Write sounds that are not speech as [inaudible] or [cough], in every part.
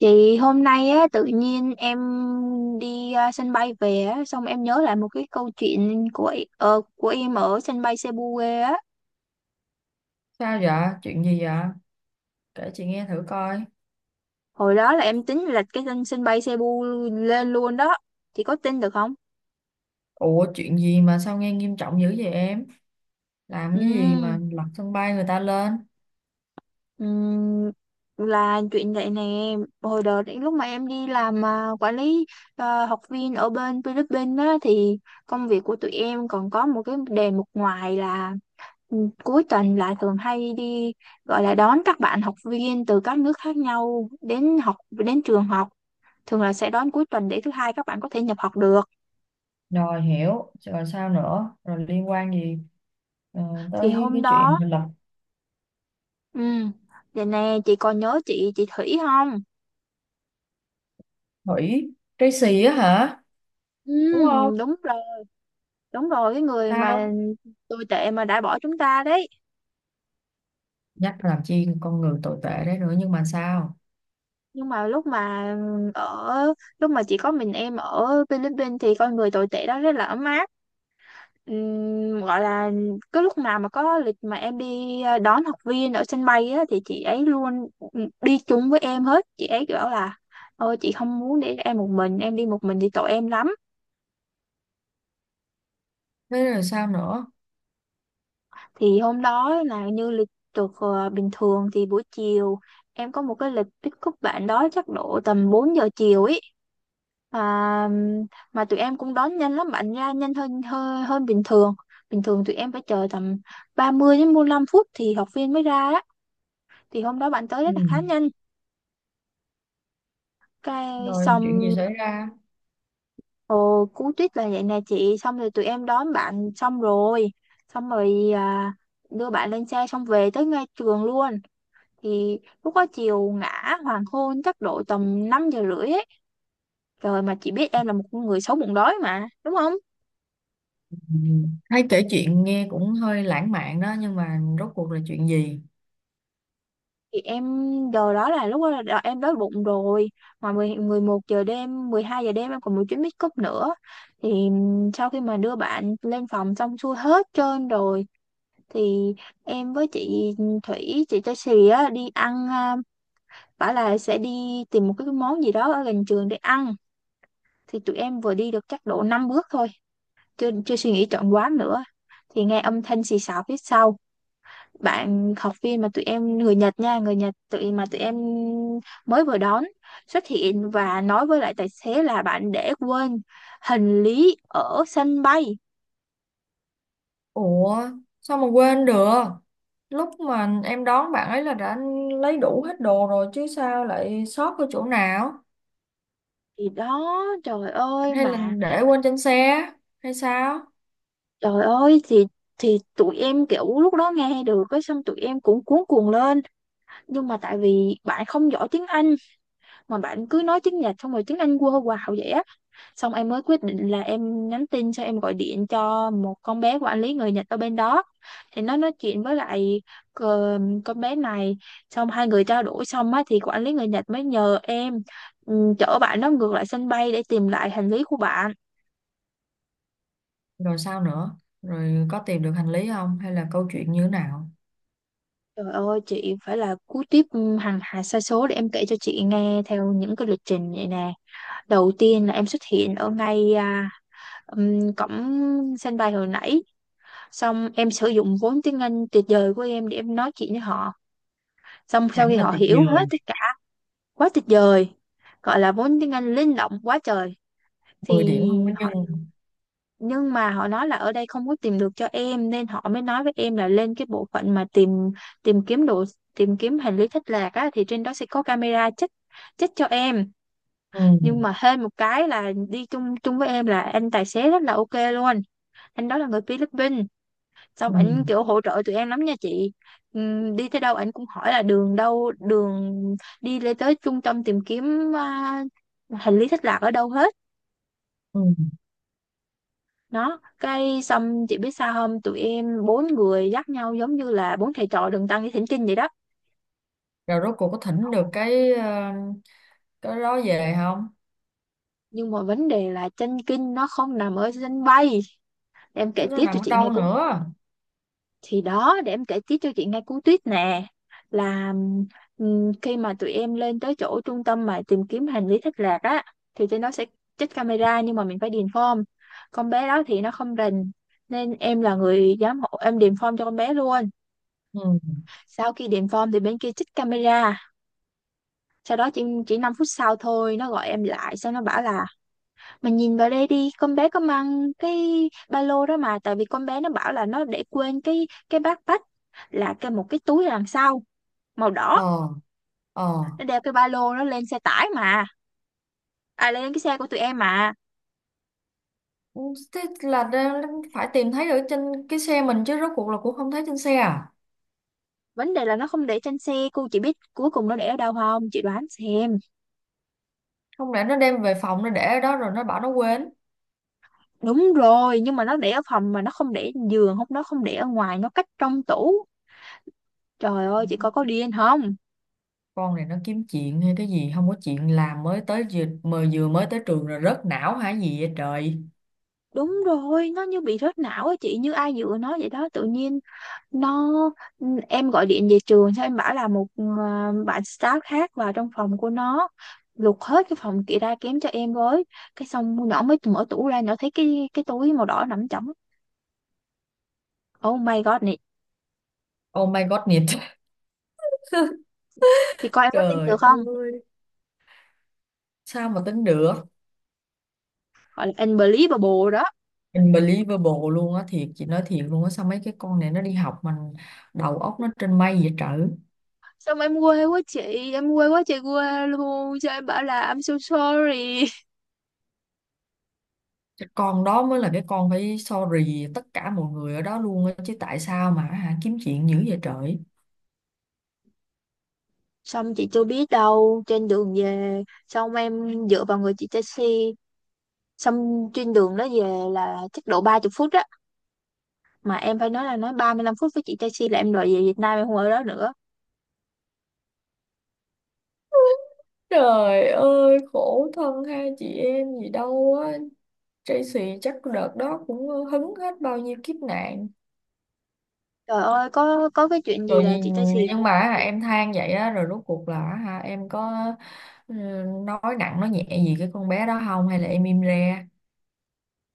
Chị hôm nay á, tự nhiên em đi à, sân bay về á, xong em nhớ lại một cái câu chuyện của của em ở sân bay Cebu quê á. Sao vậy? Chuyện gì vậy? Kể chị nghe thử coi. Hồi đó là em tính là cái sân sân bay Cebu lên luôn đó. Chị có tin được không? Ủa chuyện gì mà sao nghe nghiêm trọng dữ vậy em? Làm cái gì Ừ, mà lật sân bay người ta lên? là chuyện vậy nè. Hồi đó đến lúc mà em đi làm quản lý học viên ở bên Philippines á, thì công việc của tụi em còn có một cái đề mục ngoài là Ừ, cuối tuần lại thường hay đi gọi là đón các bạn học viên từ các nước khác nhau đến học đến trường học, thường là sẽ đón cuối tuần để thứ hai các bạn có thể nhập học được. Rồi hiểu, rồi sao nữa? Rồi liên quan gì ờ, Thì tới hôm cái chuyện đó, mà lật ừ, vậy nè, chị còn nhớ chị Thủy không? thủy Tracy á hả? Ừ, Đúng không? đúng rồi, đúng rồi, cái người mà Sao? tồi tệ mà đã bỏ chúng ta đấy. Nhắc làm chi con người tồi tệ đấy nữa nhưng mà sao? Nhưng mà lúc mà, ở chỉ có mình em ở Philippines thì con người tồi tệ đó rất là ấm áp. Gọi là cái lúc nào mà có lịch mà em đi đón học viên ở sân bay á, thì chị ấy luôn đi chung với em hết. Chị ấy bảo là ôi chị không muốn để em một mình, em đi một mình thì tội em lắm. Thế rồi sao nữa? Thì hôm đó là như lịch được, bình thường thì buổi chiều em có một cái lịch pick up bạn đó chắc độ tầm 4 giờ chiều ấy. À, mà tụi em cũng đón nhanh lắm, bạn ra nhanh hơn hơn hơn bình thường. Bình thường tụi em phải chờ tầm 30 đến 45 phút thì học viên mới ra á, thì hôm đó bạn tới Ừ. rất là khá nhanh. Cái Rồi chuyện gì xong, xảy ra? Cú tuyết là vậy nè chị. Xong rồi tụi em đón bạn xong rồi, xong rồi, đưa bạn lên xe xong về tới ngay trường luôn. Thì lúc đó chiều ngã hoàng hôn chắc độ tầm 5 giờ rưỡi ấy. Trời, mà chị biết em là một con người xấu bụng đói mà, đúng không? Ừ. Thấy kể chuyện nghe cũng hơi lãng mạn đó nhưng mà rốt cuộc là chuyện gì? Thì em giờ đó là, lúc đó là em đói bụng rồi, mà mười, 11 giờ đêm, 12 giờ đêm em còn một chuyến pick up nữa. Thì sau khi mà đưa bạn lên phòng xong xuôi hết trơn rồi thì em với chị Thủy, chị Tracy á, đi ăn. Bảo là sẽ đi tìm một cái món gì đó ở gần trường để ăn. Thì tụi em vừa đi được chắc độ 5 bước thôi, chưa chưa suy nghĩ chọn quán nữa, thì nghe âm thanh xì xào phía sau. Bạn học viên mà tụi em người Nhật nha, người Nhật tụi mà tụi em mới vừa đón, xuất hiện và nói với lại tài xế là bạn để quên hành lý ở sân bay. Ủa sao mà quên được? Lúc mà em đón bạn ấy là đã lấy đủ hết đồ rồi, chứ sao lại sót ở chỗ nào? Thì đó, trời ơi, Hay là mà để quên trên xe hay sao? trời ơi, thì tụi em kiểu lúc đó nghe được cái xong tụi em cũng cuống cuồng lên. Nhưng mà tại vì bạn không giỏi tiếng Anh mà bạn cứ nói tiếng Nhật xong rồi tiếng Anh quơ quào vậy á, xong em mới quyết định là em nhắn tin xong em gọi điện cho một con bé của anh lý người Nhật ở bên đó. Thì nó nói chuyện với lại, ờ, con bé này, xong hai người trao đổi xong á thì quản lý người Nhật mới nhờ em, chở bạn nó ngược lại sân bay để tìm lại hành lý của bạn. Rồi sao nữa? Rồi có tìm được hành lý không hay là câu chuyện như thế nào? Trời ơi chị, phải là cú tiếp, hàng hà sa số để em kể cho chị nghe theo những cái lịch trình vậy nè. Đầu tiên là em xuất hiện ở ngay cổng sân bay hồi nãy, xong em sử dụng vốn tiếng Anh tuyệt vời của em để em nói chuyện với họ, xong sau Hẳn khi là họ tuyệt hiểu hết vời. tất cả. Quá tuyệt vời, gọi là vốn tiếng Anh linh động quá trời. 10 Thì điểm không có họ, nhưng nhưng mà họ nói là ở đây không có tìm được cho em, nên họ mới nói với em là lên cái bộ phận mà tìm, tìm kiếm đồ, tìm kiếm hành lý thất lạc á, thì trên đó sẽ có camera check, check cho em. ừ, Nhưng mà hên một cái là đi chung chung với em là anh tài xế rất là ok luôn. Anh đó là người Philippines, xong ừ, ảnh kiểu hỗ trợ tụi em lắm nha chị. Đi tới đâu ảnh cũng hỏi là đường đâu, đường đi lên tới trung tâm tìm kiếm, hành lý thất lạc ở đâu hết. ừ. Nó cái xong, chị biết sao không, tụi em bốn người dắt nhau giống như là bốn thầy trò Đường Tăng đi thỉnh kinh vậy đó. Rồi rốt cuộc có thỉnh được cái cái đó về không? Nhưng mà vấn đề là chân kinh nó không nằm ở sân bay. Em kể Chứ nó tiếp nằm cho ở chị nghe đâu câu, nữa? thì đó, để em kể tiếp cho chị nghe cú tuyết nè, là khi mà tụi em lên tới chỗ trung tâm mà tìm kiếm hành lý thất lạc á, thì trên đó sẽ trích camera nhưng mà mình phải điền form. Con bé đó thì nó không rành nên em là người giám hộ, em điền form cho con bé luôn. Ừ. Sau khi điền form thì bên kia trích camera, sau đó chỉ 5 phút sau thôi, nó gọi em lại, xong nó bảo là mà nhìn vào đây đi, con bé có mang cái ba lô đó mà, tại vì con bé nó bảo là nó để quên cái backpack là cái, một cái túi đằng sau màu đỏ, Ờ. Ờ. nó đeo cái ba lô nó lên xe tải mà, à lên cái xe của tụi em mà. Ừ, thế là phải tìm thấy ở trên cái xe mình chứ, rốt cuộc là cũng không thấy trên xe à? Vấn đề là nó không để trên xe, cô chỉ biết cuối cùng nó để ở đâu không? Chị đoán xem. Không lẽ nó đem về phòng nó để ở đó rồi nó bảo nó quên? Đúng rồi, nhưng mà nó để ở phòng mà nó không để giường, không, nó không để ở ngoài, nó cách trong tủ. Trời ơi, chị coi có điên không? Con này nó kiếm chuyện hay cái gì, không có chuyện làm mới tới, vừa mới tới trường rồi rớt não hả gì vậy trời? Đúng rồi, nó như bị rớt não á chị, như ai dựa nó vậy đó. Tự nhiên nó, ừ, em gọi điện về trường sao em bảo là một, bạn staff khác vào trong phòng của nó lục hết cái phòng kia ra kém cho em với. Cái xong nhỏ mới mở tủ ra, nhỏ thấy cái túi màu đỏ nằm trống. Oh my god này. Oh my god nhiệt. [laughs] Thì coi em có tin Trời được không, ơi, sao mà tính được? gọi là unbelievable đó. Unbelievable luôn á, thiệt, chị nói thiệt luôn á, sao mấy cái con này nó đi học mà đầu óc nó trên mây vậy trời? Xong em quê quá chị, em quê quá trời quê luôn, cho em bảo là I'm so sorry. Cái con đó mới là cái con phải sorry tất cả mọi người ở đó luôn á chứ, tại sao mà hả, kiếm chuyện dữ vậy trời? Xong chị chưa biết đâu, trên đường về, xong em dựa vào người chị taxi, xong trên đường đó về là chắc độ 30 phút á, mà em phải nói là nói 35 phút với chị taxi là em đòi về Việt Nam, em không ở đó nữa. Trời ơi, khổ thân hai chị em gì đâu á. Tracy chắc đợt đó cũng hứng hết bao nhiêu kiếp nạn. Trời ơi, có cái chuyện gì Rồi là chị taxi nhưng mà hả, em than vậy á, rồi rốt cuộc là hả, em có ừ, nói nặng nói nhẹ gì cái con bé đó không hay là em im re?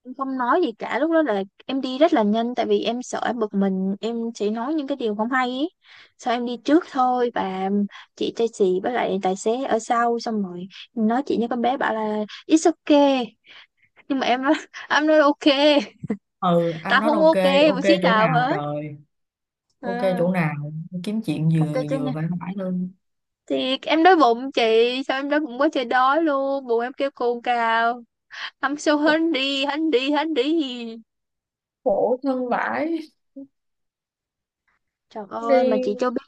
cũng không nói gì cả. Lúc đó là em đi rất là nhanh, tại vì em sợ em bực mình em sẽ nói những cái điều không hay ý, sao em đi trước thôi, và chị taxi với lại tài xế ở sau, xong rồi nói chị với con bé bảo là it's okay. Nhưng mà em nói [laughs] em nói ok, Ừ, anh tao nói không ok. ok một Ok xí chỗ nào nào hết. trời? Ok à, chỗ nào? Kiếm chuyện ok vừa chưa vừa nè? phải phải luôn. Thì em đói bụng chị, sao em đói bụng quá trời đói luôn, bụng em kêu cồn cào. Ăn sâu hến đi, so đi, hungry đi. Khổ thân vãi. Trời ơi mà Đi. chị cho biết,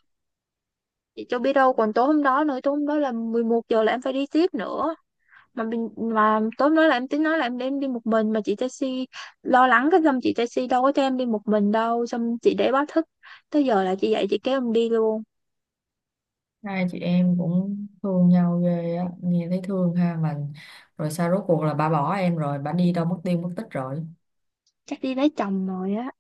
chị cho biết đâu còn tối hôm đó nữa. Tối hôm đó là 11 giờ là em phải đi tiếp nữa, mà mình, mà tối hôm đó là em tính nói là em đem đi một mình mà chị taxi lo lắng. Cái xong chị taxi đâu có cho em đi một mình đâu, xong chị để báo thức tới giờ là chị dậy chị kéo em đi luôn. Hai chị em cũng thương nhau ghê á, nghe thấy thương ha. Mà rồi sao rốt cuộc là bà bỏ em rồi bà đi đâu mất tiêu mất tích rồi? Chắc đi lấy chồng rồi á.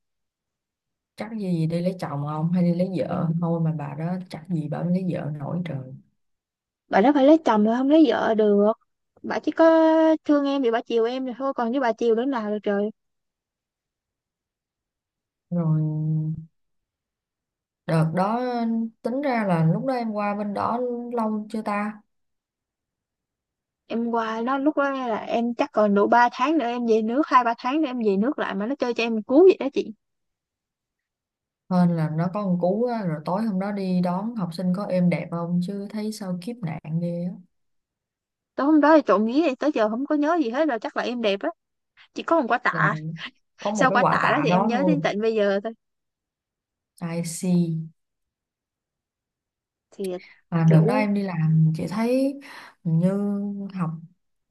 Chắc gì gì đi lấy chồng, không hay đi lấy vợ thôi, mà bà đó chắc gì bà mới lấy vợ nổi trời. Bà đó phải lấy chồng rồi, không lấy vợ được. Bà chỉ có thương em thì bà chiều em rồi thôi, còn với bà chiều đứa nào được trời. Rồi đợt đó, tính ra là lúc đó em qua bên đó lâu chưa ta? Em qua nó lúc đó là em chắc còn độ 3 tháng nữa em về nước, hai ba tháng nữa em về nước lại mà nó chơi cho em một cú vậy đó chị. Hên là nó có một cú á, rồi tối hôm đó đi đón học sinh có êm đẹp không chứ thấy sao kiếp nạn ghê á. Tối hôm đó thì trộm vía thì tới giờ không có nhớ gì hết rồi, chắc là em đẹp á, chỉ có một quả Là tạ. có một Sau cái quả quả tạ đó tạ thì em đó nhớ thôi. đến tận bây giờ thôi. I see. Thì À, đợt đó kiểu, em đi làm chị thấy hình như học,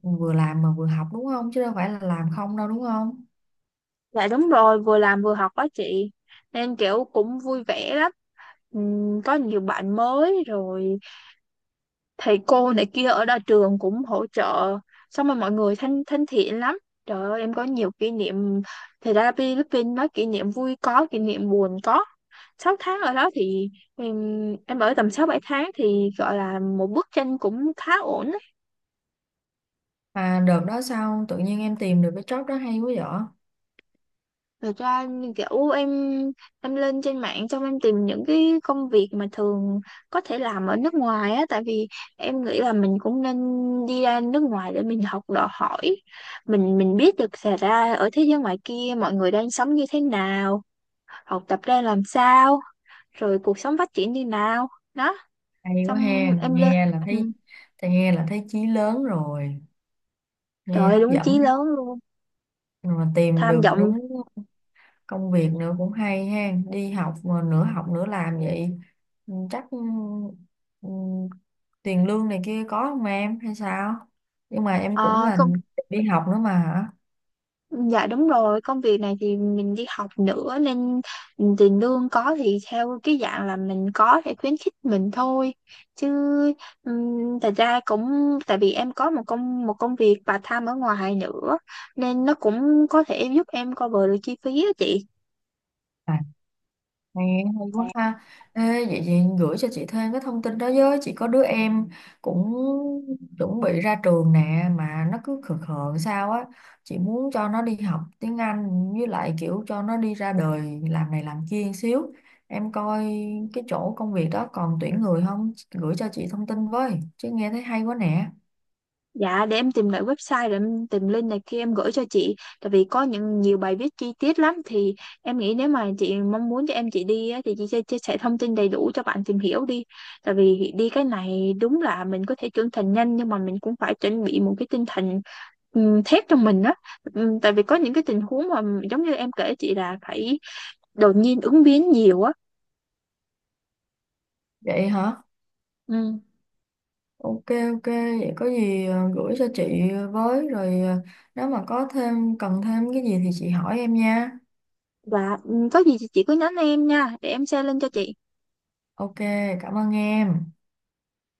vừa làm mà vừa học đúng không chứ đâu phải là làm không đâu, đúng không? dạ đúng rồi, vừa làm vừa học đó chị, nên kiểu cũng vui vẻ lắm. Có nhiều bạn mới rồi, thầy cô này kia ở đa trường cũng hỗ trợ, xong rồi mọi người thân thân thiện lắm. Trời ơi em có nhiều kỷ niệm. Thì ra Philippines nói, kỷ niệm vui có, kỷ niệm buồn có. 6 tháng ở đó thì em, em ở tầm 6-7 tháng thì gọi là một bức tranh cũng khá ổn. Mà đợt đó sao tự nhiên em tìm được cái job đó hay quá vậy? Thật ra như kiểu em lên trên mạng xong em tìm những cái công việc mà thường có thể làm ở nước ngoài á, tại vì em nghĩ là mình cũng nên đi ra nước ngoài để mình học đòi hỏi, mình biết được xảy ra ở thế giới ngoài kia mọi người đang sống như thế nào, học tập ra làm sao, rồi cuộc sống phát triển như nào đó. Hay quá Xong ha, em lên, nghe là ừ. thấy, thì nghe là thấy chí lớn rồi, nghe Trời ơi, hấp đúng chí dẫn lớn đó. luôn, Rồi mà tìm tham được vọng. đúng công việc nữa cũng hay ha, đi học mà nửa học nửa làm vậy. Ừ, chắc ừ, ừ, tiền lương này kia có không em hay sao? Nhưng mà em cũng Ờ, là đi học nữa mà hả? dạ đúng rồi, công việc này thì mình đi học nữa nên tiền lương có thì theo cái dạng là mình có thể khuyến khích mình thôi. Chứ thật ra cũng tại vì em có một công việc part time ở ngoài nữa nên nó cũng có thể giúp em cover được chi phí đó chị. À, nghe hay quá ha. Ê, vậy chị, gửi cho chị thêm cái thông tin đó với. Chị có đứa em cũng chuẩn bị ra trường nè mà nó cứ khờ khờ sao á. Chị muốn cho nó đi học tiếng Anh với lại kiểu cho nó đi ra đời làm này làm kia xíu. Em coi cái chỗ công việc đó còn tuyển người không? Gửi cho chị thông tin với. Chứ nghe thấy hay quá nè. Dạ để em tìm lại website rồi em tìm link này kia em gửi cho chị. Tại vì có những nhiều bài viết chi tiết lắm. Thì em nghĩ nếu mà chị mong muốn cho em chị đi á, thì chị sẽ chia sẻ thông tin đầy đủ cho bạn tìm hiểu đi. Tại vì đi cái này đúng là mình có thể trưởng thành nhanh, nhưng mà mình cũng phải chuẩn bị một cái tinh thần thép trong mình á. Tại vì có những cái tình huống mà giống như em kể chị là phải đột nhiên ứng biến nhiều á. Vậy hả? Ừm, Ok, ok, vậy có gì gửi cho chị với, rồi nếu mà có thêm cần thêm cái gì thì chị hỏi em nha. Và có gì thì chị cứ nhắn em nha, để em share link cho chị. Ok, cảm ơn em.